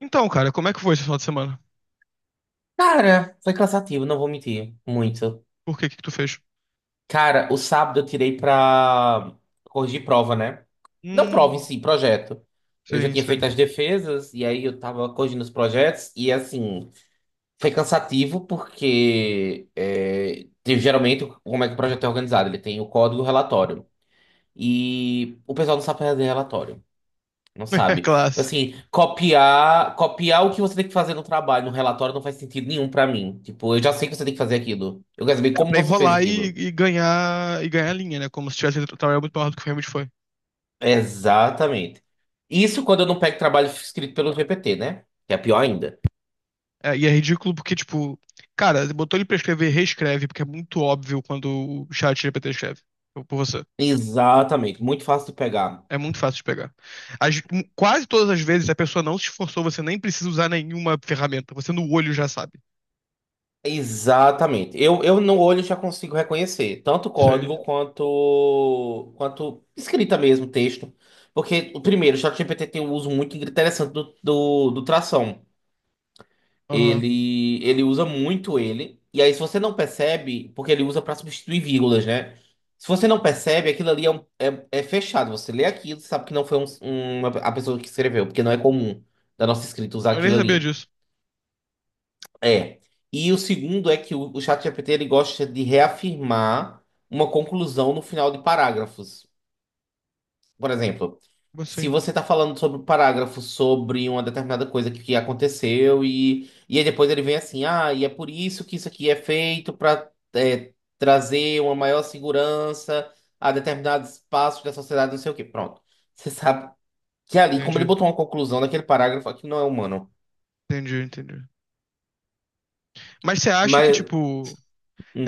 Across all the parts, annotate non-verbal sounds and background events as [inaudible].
Então, cara, como é que foi esse final de semana? Cara, foi cansativo, não vou mentir. Muito. Por que que tu fez? Cara, o sábado eu tirei pra corrigir prova, né? Não prova em Hum, si, projeto. Eu já sim, tinha feito sim. as defesas e aí eu tava corrigindo os projetos e assim, foi cansativo porque geralmente como é que o projeto é organizado? Ele tem o código e o relatório. E o pessoal não sabe fazer relatório. Não [laughs] É sabe. Tipo clássico. assim, copiar, copiar o que você tem que fazer no trabalho, no relatório, não faz sentido nenhum pra mim. Tipo, eu já sei que você tem que fazer aquilo. Eu quero saber É como pra você fez enrolar aquilo. E ganhar linha, né? Como se tivesse feito um muito maior do que realmente foi. Exatamente. Isso quando eu não pego trabalho escrito pelo GPT, né? Que é pior ainda. É, e é ridículo porque, tipo, cara, botou ele pra escrever, reescreve, porque é muito óbvio quando o chat GPT escreve por você. Exatamente. Muito fácil de pegar. É muito fácil de pegar. As- Quase todas as vezes a pessoa não se esforçou, você nem precisa usar nenhuma ferramenta. Você no olho já sabe. Exatamente. Eu no olho já consigo reconhecer tanto Sei. código quanto escrita mesmo, texto. Porque, o primeiro, o ChatGPT tem um uso muito interessante do tração. Aham. Ele usa muito ele. E aí, se você não percebe, porque ele usa para substituir vírgulas, né? Se você não percebe, aquilo ali é fechado. Você lê aquilo, sabe que não foi a pessoa que escreveu, porque não é comum da nossa escrita usar Eu nem aquilo sabia ali. disso. É. E o segundo é que o ChatGPT ele gosta de reafirmar uma conclusão no final de parágrafos. Por exemplo, Como se assim? você está falando sobre um parágrafo sobre uma determinada coisa que aconteceu e aí depois ele vem assim, ah, e é por isso que isso aqui é feito para trazer uma maior segurança a determinados espaços da sociedade, não sei o quê. Pronto. Você sabe que ali, como ele Entendi, botou uma conclusão naquele parágrafo, aqui não é humano. entendi, entendi. Mas você acha que, Mas. tipo.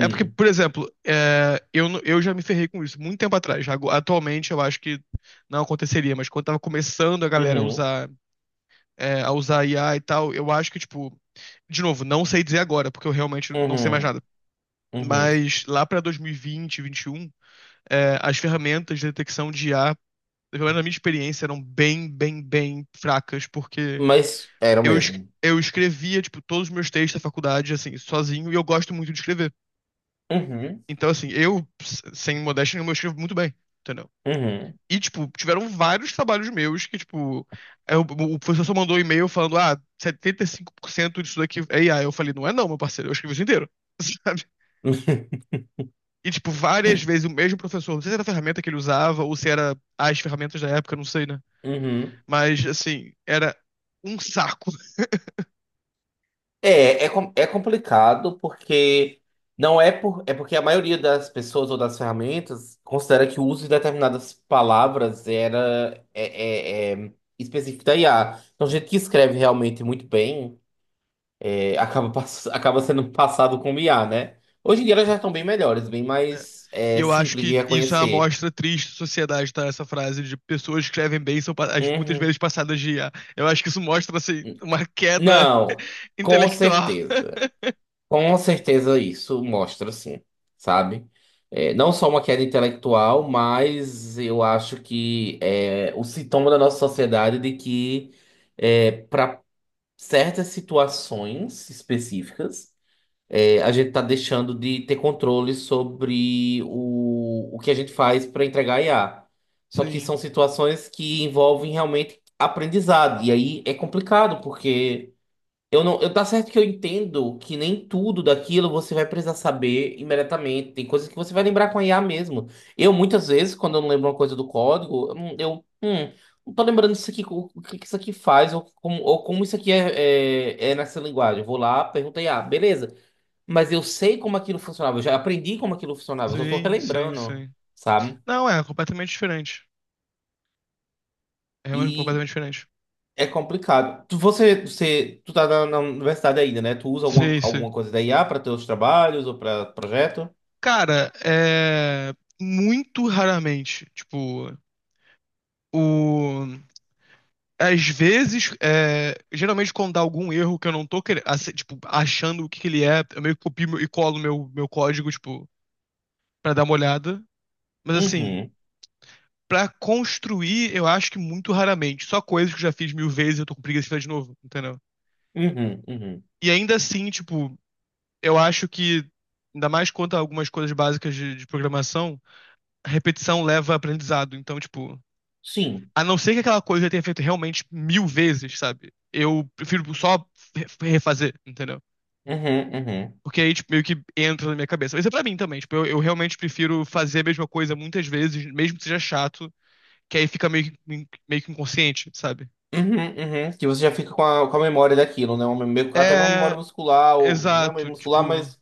É porque, por exemplo, eu já me ferrei com isso muito tempo atrás. Atualmente eu acho que não aconteceria, mas quando tava começando a galera a uhum, usar, a usar IA e tal, eu acho que, tipo, de novo, não sei dizer agora, porque eu realmente não sei mais uhum, nada. uhum. Mas lá pra 2020, 2021, as ferramentas de detecção de IA, pelo menos na minha experiência, eram bem, bem, bem fracas, porque Mas era o eu, es- mesmo. eu escrevia, tipo, todos os meus textos da faculdade, assim, sozinho, e eu gosto muito de escrever. Uhum, Então, assim, sem modéstia nenhuma, eu escrevo muito bem, entendeu? uhum, E, tipo, tiveram vários trabalhos meus que, tipo, o professor só mandou um e-mail falando, ah, 75% disso daqui é IA. Eu falei, não é não, meu parceiro, eu escrevi isso inteiro, [laughs] sabe? E, tipo, várias vezes o mesmo professor, não sei se era a ferramenta que ele usava ou se era as ferramentas da época, não sei, né? [laughs] uhum. Mas, assim, era um saco. É complicado porque não é porque a maioria das pessoas ou das ferramentas considera que o uso de determinadas palavras é específico da IA. Então, gente que escreve realmente muito bem [laughs] acaba sendo passado como IA, né? Hoje em dia elas já estão bem melhores, bem É. mais E eu acho simples de que isso é uma reconhecer. amostra triste da sociedade, tá? Essa frase de pessoas que escrevem bem são muitas Uhum. vezes passadas de IA. Eu acho que isso mostra, assim, uma queda Não, [laughs] com intelectual. certeza. Com certeza isso mostra, sim, sabe? É, não só uma queda intelectual, mas eu acho que é o sintoma da nossa sociedade de que para certas situações específicas, a gente está deixando de ter controle sobre o que a gente faz para entregar IA. Só que Sim, são situações que envolvem realmente aprendizado, e aí é complicado, porque. Eu não, eu tá certo que eu entendo que nem tudo daquilo você vai precisar saber imediatamente. Tem coisas que você vai lembrar com a IA mesmo. Eu, muitas vezes, quando eu não lembro uma coisa do código, eu, não tô lembrando isso aqui, o que que isso aqui faz, ou como isso aqui é nessa linguagem. Eu vou lá, pergunto a IA, beleza. Mas eu sei como aquilo funcionava, eu já aprendi como aquilo funcionava, eu só tô sim, sim, relembrando, sim. sabe? Não, é completamente diferente. É realmente E completamente diferente. É complicado. Tu tá na universidade ainda, né? Tu usa alguma, Sim, sim. alguma coisa da IA para teus trabalhos ou para projeto? Cara, é muito raramente, tipo, o Às vezes, geralmente quando dá algum erro que eu não tô querendo, tipo, achando o que que ele é, eu meio que copio e colo meu código, tipo, pra dar uma olhada. Mas assim, Uhum, pra construir, eu acho que muito raramente. Só coisas que eu já fiz mil vezes e eu tô com preguiça de fazer de novo, entendeu? uhum, uhum. E ainda assim, tipo, eu acho que, ainda mais quanto a algumas coisas básicas de programação, a repetição leva a aprendizado. Então, tipo, Sim. a não ser que aquela coisa eu tenha feito realmente mil vezes, sabe? Eu prefiro só re- refazer, entendeu? Uhum, uhum. Porque aí, tipo, meio que entra na minha cabeça. Isso é pra mim também, tipo, eu realmente prefiro fazer a mesma coisa muitas vezes, mesmo que seja chato, que aí fica meio, meio que inconsciente, sabe? Uhum, uhum. Que você já fica com a memória daquilo, né? Até uma É, memória muscular, ou, não é meio exato, muscular, tipo, mas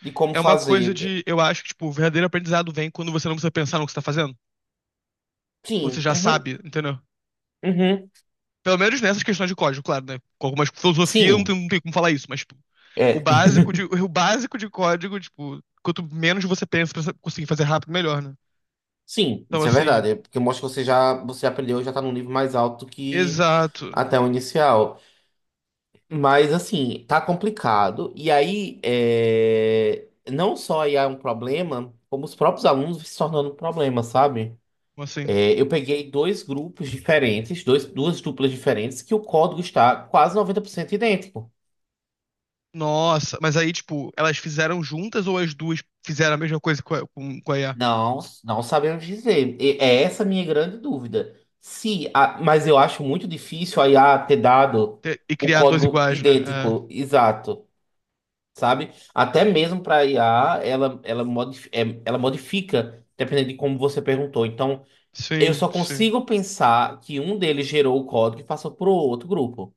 de como é uma coisa fazer. É, de, eu acho que, tipo, o verdadeiro aprendizado vem quando você não precisa pensar no que você tá fazendo. Você sim. já Uhum, sabe, entendeu? uhum. Pelo menos nessas questões de código, claro, né? Com algumas filosofia não Sim. tem, não tem como falar isso, mas, tipo, o É. básico de, [laughs] o básico de código, tipo, quanto menos você pensa pra conseguir fazer rápido, melhor, né? Sim, Então, isso é assim, verdade. É porque mostra que você já aprendeu e já tá num nível mais alto que exato, até o inicial. Mas assim, tá complicado. E aí, não só aí é um problema, como os próprios alunos se tornando um problema, sabe? assim. É, eu peguei dois grupos diferentes, duas duplas diferentes, que o código está quase 90% idêntico. Nossa, mas aí, tipo, elas fizeram juntas ou as duas fizeram a mesma coisa com a IA? Não, não sabemos dizer. E é essa a minha grande dúvida. Se, a- Mas eu acho muito difícil a IA ter dado E o criar dois código iguais, né? É, idêntico, exato. Sabe? Até mesmo para IA, ela modifica, dependendo de como você perguntou. Então, eu sim, só sim. consigo pensar que um deles gerou o código e passou para outro grupo,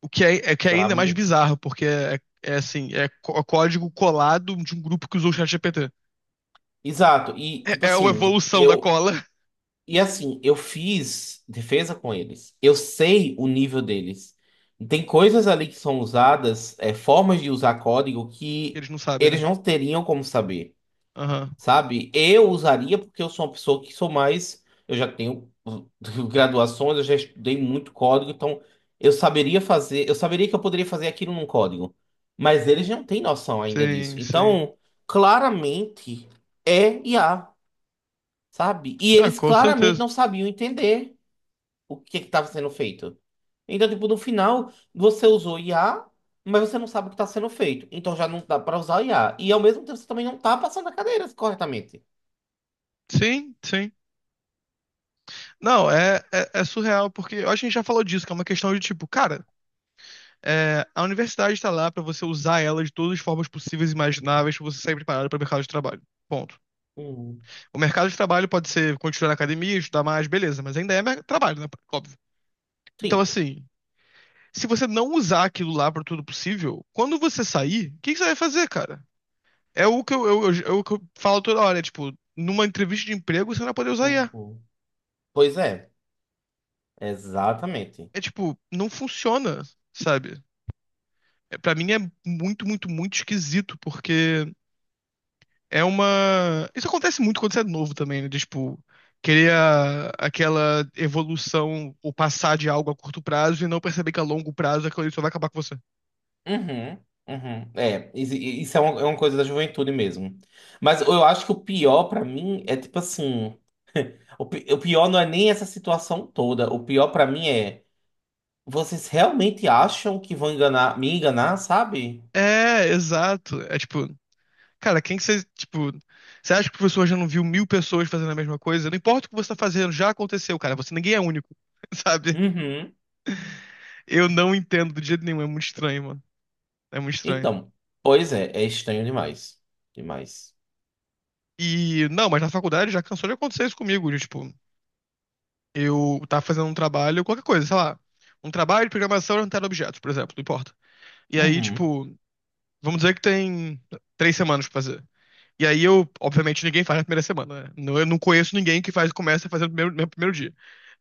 O que é, é que é ainda mais sabe? bizarro, porque é assim, código colado de um grupo que usou o ChatGPT. Exato. E, tipo É uma assim, evolução da eu. cola. E assim, eu fiz defesa com eles. Eu sei o nível deles. Tem coisas ali que são usadas, formas de usar código que Eles não sabem, eles né? não teriam como saber. Aham. Sabe? Eu usaria porque eu sou uma pessoa que sou mais. Eu já tenho [laughs] graduações, eu já estudei muito código, então eu saberia fazer, eu saberia que eu poderia fazer aquilo num código. Mas eles não têm noção ainda disso. Sim, sim. Então, claramente é IA, sabe? E Ah, eles com claramente certeza. não sabiam entender o que estava sendo feito. Então, tipo, no final, você usou IA, mas você não sabe o que está sendo feito. Então já não dá para usar IA. E ao mesmo tempo você também não está passando a cadeira corretamente. Sim, sim. Não, é surreal, porque eu acho que a gente já falou disso, que é uma questão de tipo, cara. A universidade está lá para você usar ela de todas as formas possíveis e imagináveis para você sair preparado para o mercado de trabalho. Ponto. Uhum. O mercado de trabalho pode ser continuar na academia, estudar mais, beleza, mas ainda é trabalho, né? Óbvio. Então, Sim. assim, se você não usar aquilo lá para tudo possível, quando você sair, o que que você vai fazer, cara? É o que é o que eu falo toda hora, tipo, numa entrevista de emprego você não vai poder usar IA. Uhum. Pois é, exatamente. É tipo, não funciona, sabe? É, para mim é muito, muito, muito esquisito, porque É uma. Isso acontece muito quando você é novo também, né? Tipo, querer aquela evolução ou passar de algo a curto prazo e não perceber que a longo prazo aquilo ali só vai acabar com você. Uhum, uhum. É, isso é é uma coisa da juventude mesmo. Mas eu acho que o pior pra mim é tipo assim, o pior não é nem essa situação toda. O pior pra mim é vocês realmente acham que vão enganar, me enganar, sabe? É, exato. É tipo, cara, quem que você. Tipo, você acha que o professor já não viu mil pessoas fazendo a mesma coisa? Não importa o que você tá fazendo, já aconteceu, cara. Você ninguém é único, [laughs] sabe? Uhum. Eu não entendo do jeito nenhum. É muito estranho, mano. É muito estranho. Então, pois é, é estranho demais. Demais. E, não, mas na faculdade já cansou de acontecer isso comigo. Tipo, eu tava fazendo um trabalho, qualquer coisa, sei lá. Um trabalho de programação orientada a objetos, por exemplo, não importa. E aí, Uhum. tipo, vamos dizer que tem 3 semanas pra fazer. E aí eu, obviamente, ninguém faz na primeira semana, né? Eu não conheço ninguém que faz, começa a fazer no primeiro dia.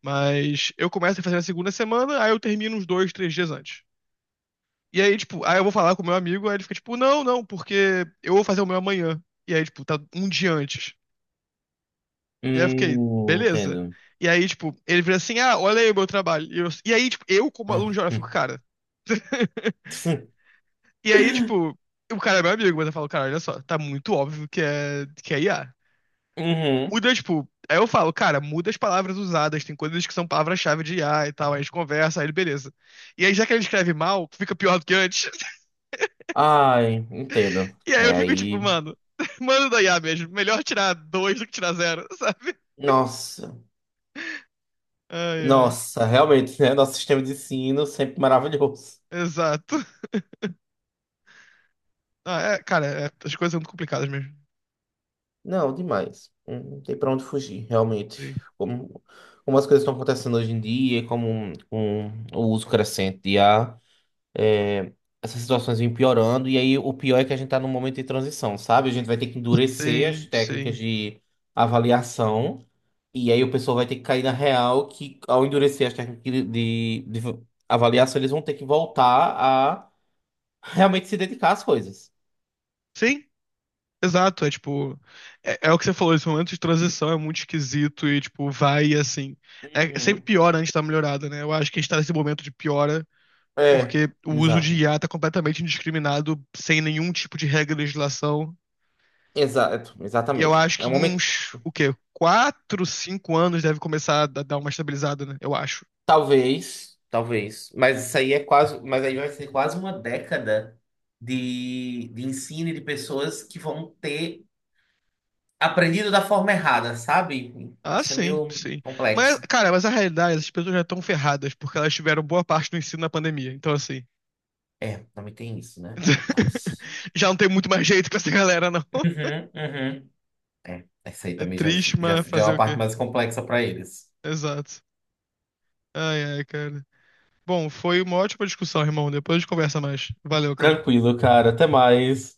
Mas eu começo a fazer na segunda semana, aí eu termino uns 2, 3 dias antes. E aí, tipo, aí eu vou falar com o meu amigo, aí ele fica tipo, não, não, porque eu vou fazer o meu amanhã. E aí, tipo, tá um dia antes. E aí eu fiquei, beleza. Entendo. E aí, tipo, ele vira assim, ah, olha aí o meu trabalho. E aí, tipo, eu como Ah, aluno de hora, fico, hum. cara. [laughs] E aí, tipo, [laughs] o cara é meu amigo, mas eu falo, cara, olha só, tá muito óbvio que é IA. Uhum. Muda, tipo, aí eu falo, cara, muda as palavras usadas, tem coisas que são palavras-chave de IA e tal, aí a gente conversa, aí ele, beleza. E aí, já que ele escreve mal, fica pior do que antes. [laughs] Ai, entendo. E aí É eu fico, tipo, aí. mano, [laughs] mano da IA mesmo, melhor tirar dois do que tirar zero, [laughs] sabe? Nossa, Ai, ai, nossa, realmente, né? Nosso sistema de ensino sempre maravilhoso. exato. Ah, é, cara, as coisas são muito complicadas mesmo. Não, demais. Não tem pra onde fugir, realmente. Sim, Como, como as coisas estão acontecendo hoje em dia, com o uso crescente de IA é, essas situações vêm piorando. E aí o pior é que a gente tá num momento de transição, sabe? A gente vai ter que endurecer as sim. técnicas Sim, de avaliação. E aí o pessoal vai ter que cair na real que, ao endurecer as técnicas de avaliação, eles vão ter que voltar a realmente se dedicar às coisas. Sim, exato. É tipo. É o que você falou, esse momento de transição é muito esquisito e, tipo, vai assim. É sempre Uhum. pior antes da melhorada, né? Eu acho que a gente tá nesse momento de piora É, porque o uso de exato. IA tá completamente indiscriminado, sem nenhum tipo de regra de legislação. Exato, E eu exatamente. acho É um que em momento, uns, o quê? 4, 5 anos deve começar a dar uma estabilizada, né? Eu acho. talvez, talvez, mas isso aí mas aí vai ser quase uma década de ensino e de pessoas que vão ter aprendido da forma errada, sabe? Ah, Isso é sim, meio sim. Mas, complexo. cara, mas a realidade, essas pessoas já estão ferradas porque elas tiveram boa parte do ensino na pandemia. Então, assim, É, também tem isso, né? Coitados. [laughs] já não tem muito mais jeito com essa galera, não. Uhum, uhum. É, essa aí É também já, triste, já, mas é fazer uma o parte quê? mais complexa para eles. Exato. Ai, ai, cara. Bom, foi uma ótima discussão, irmão. Depois a gente conversa mais. Valeu, cara. Tranquilo, cara. Até mais.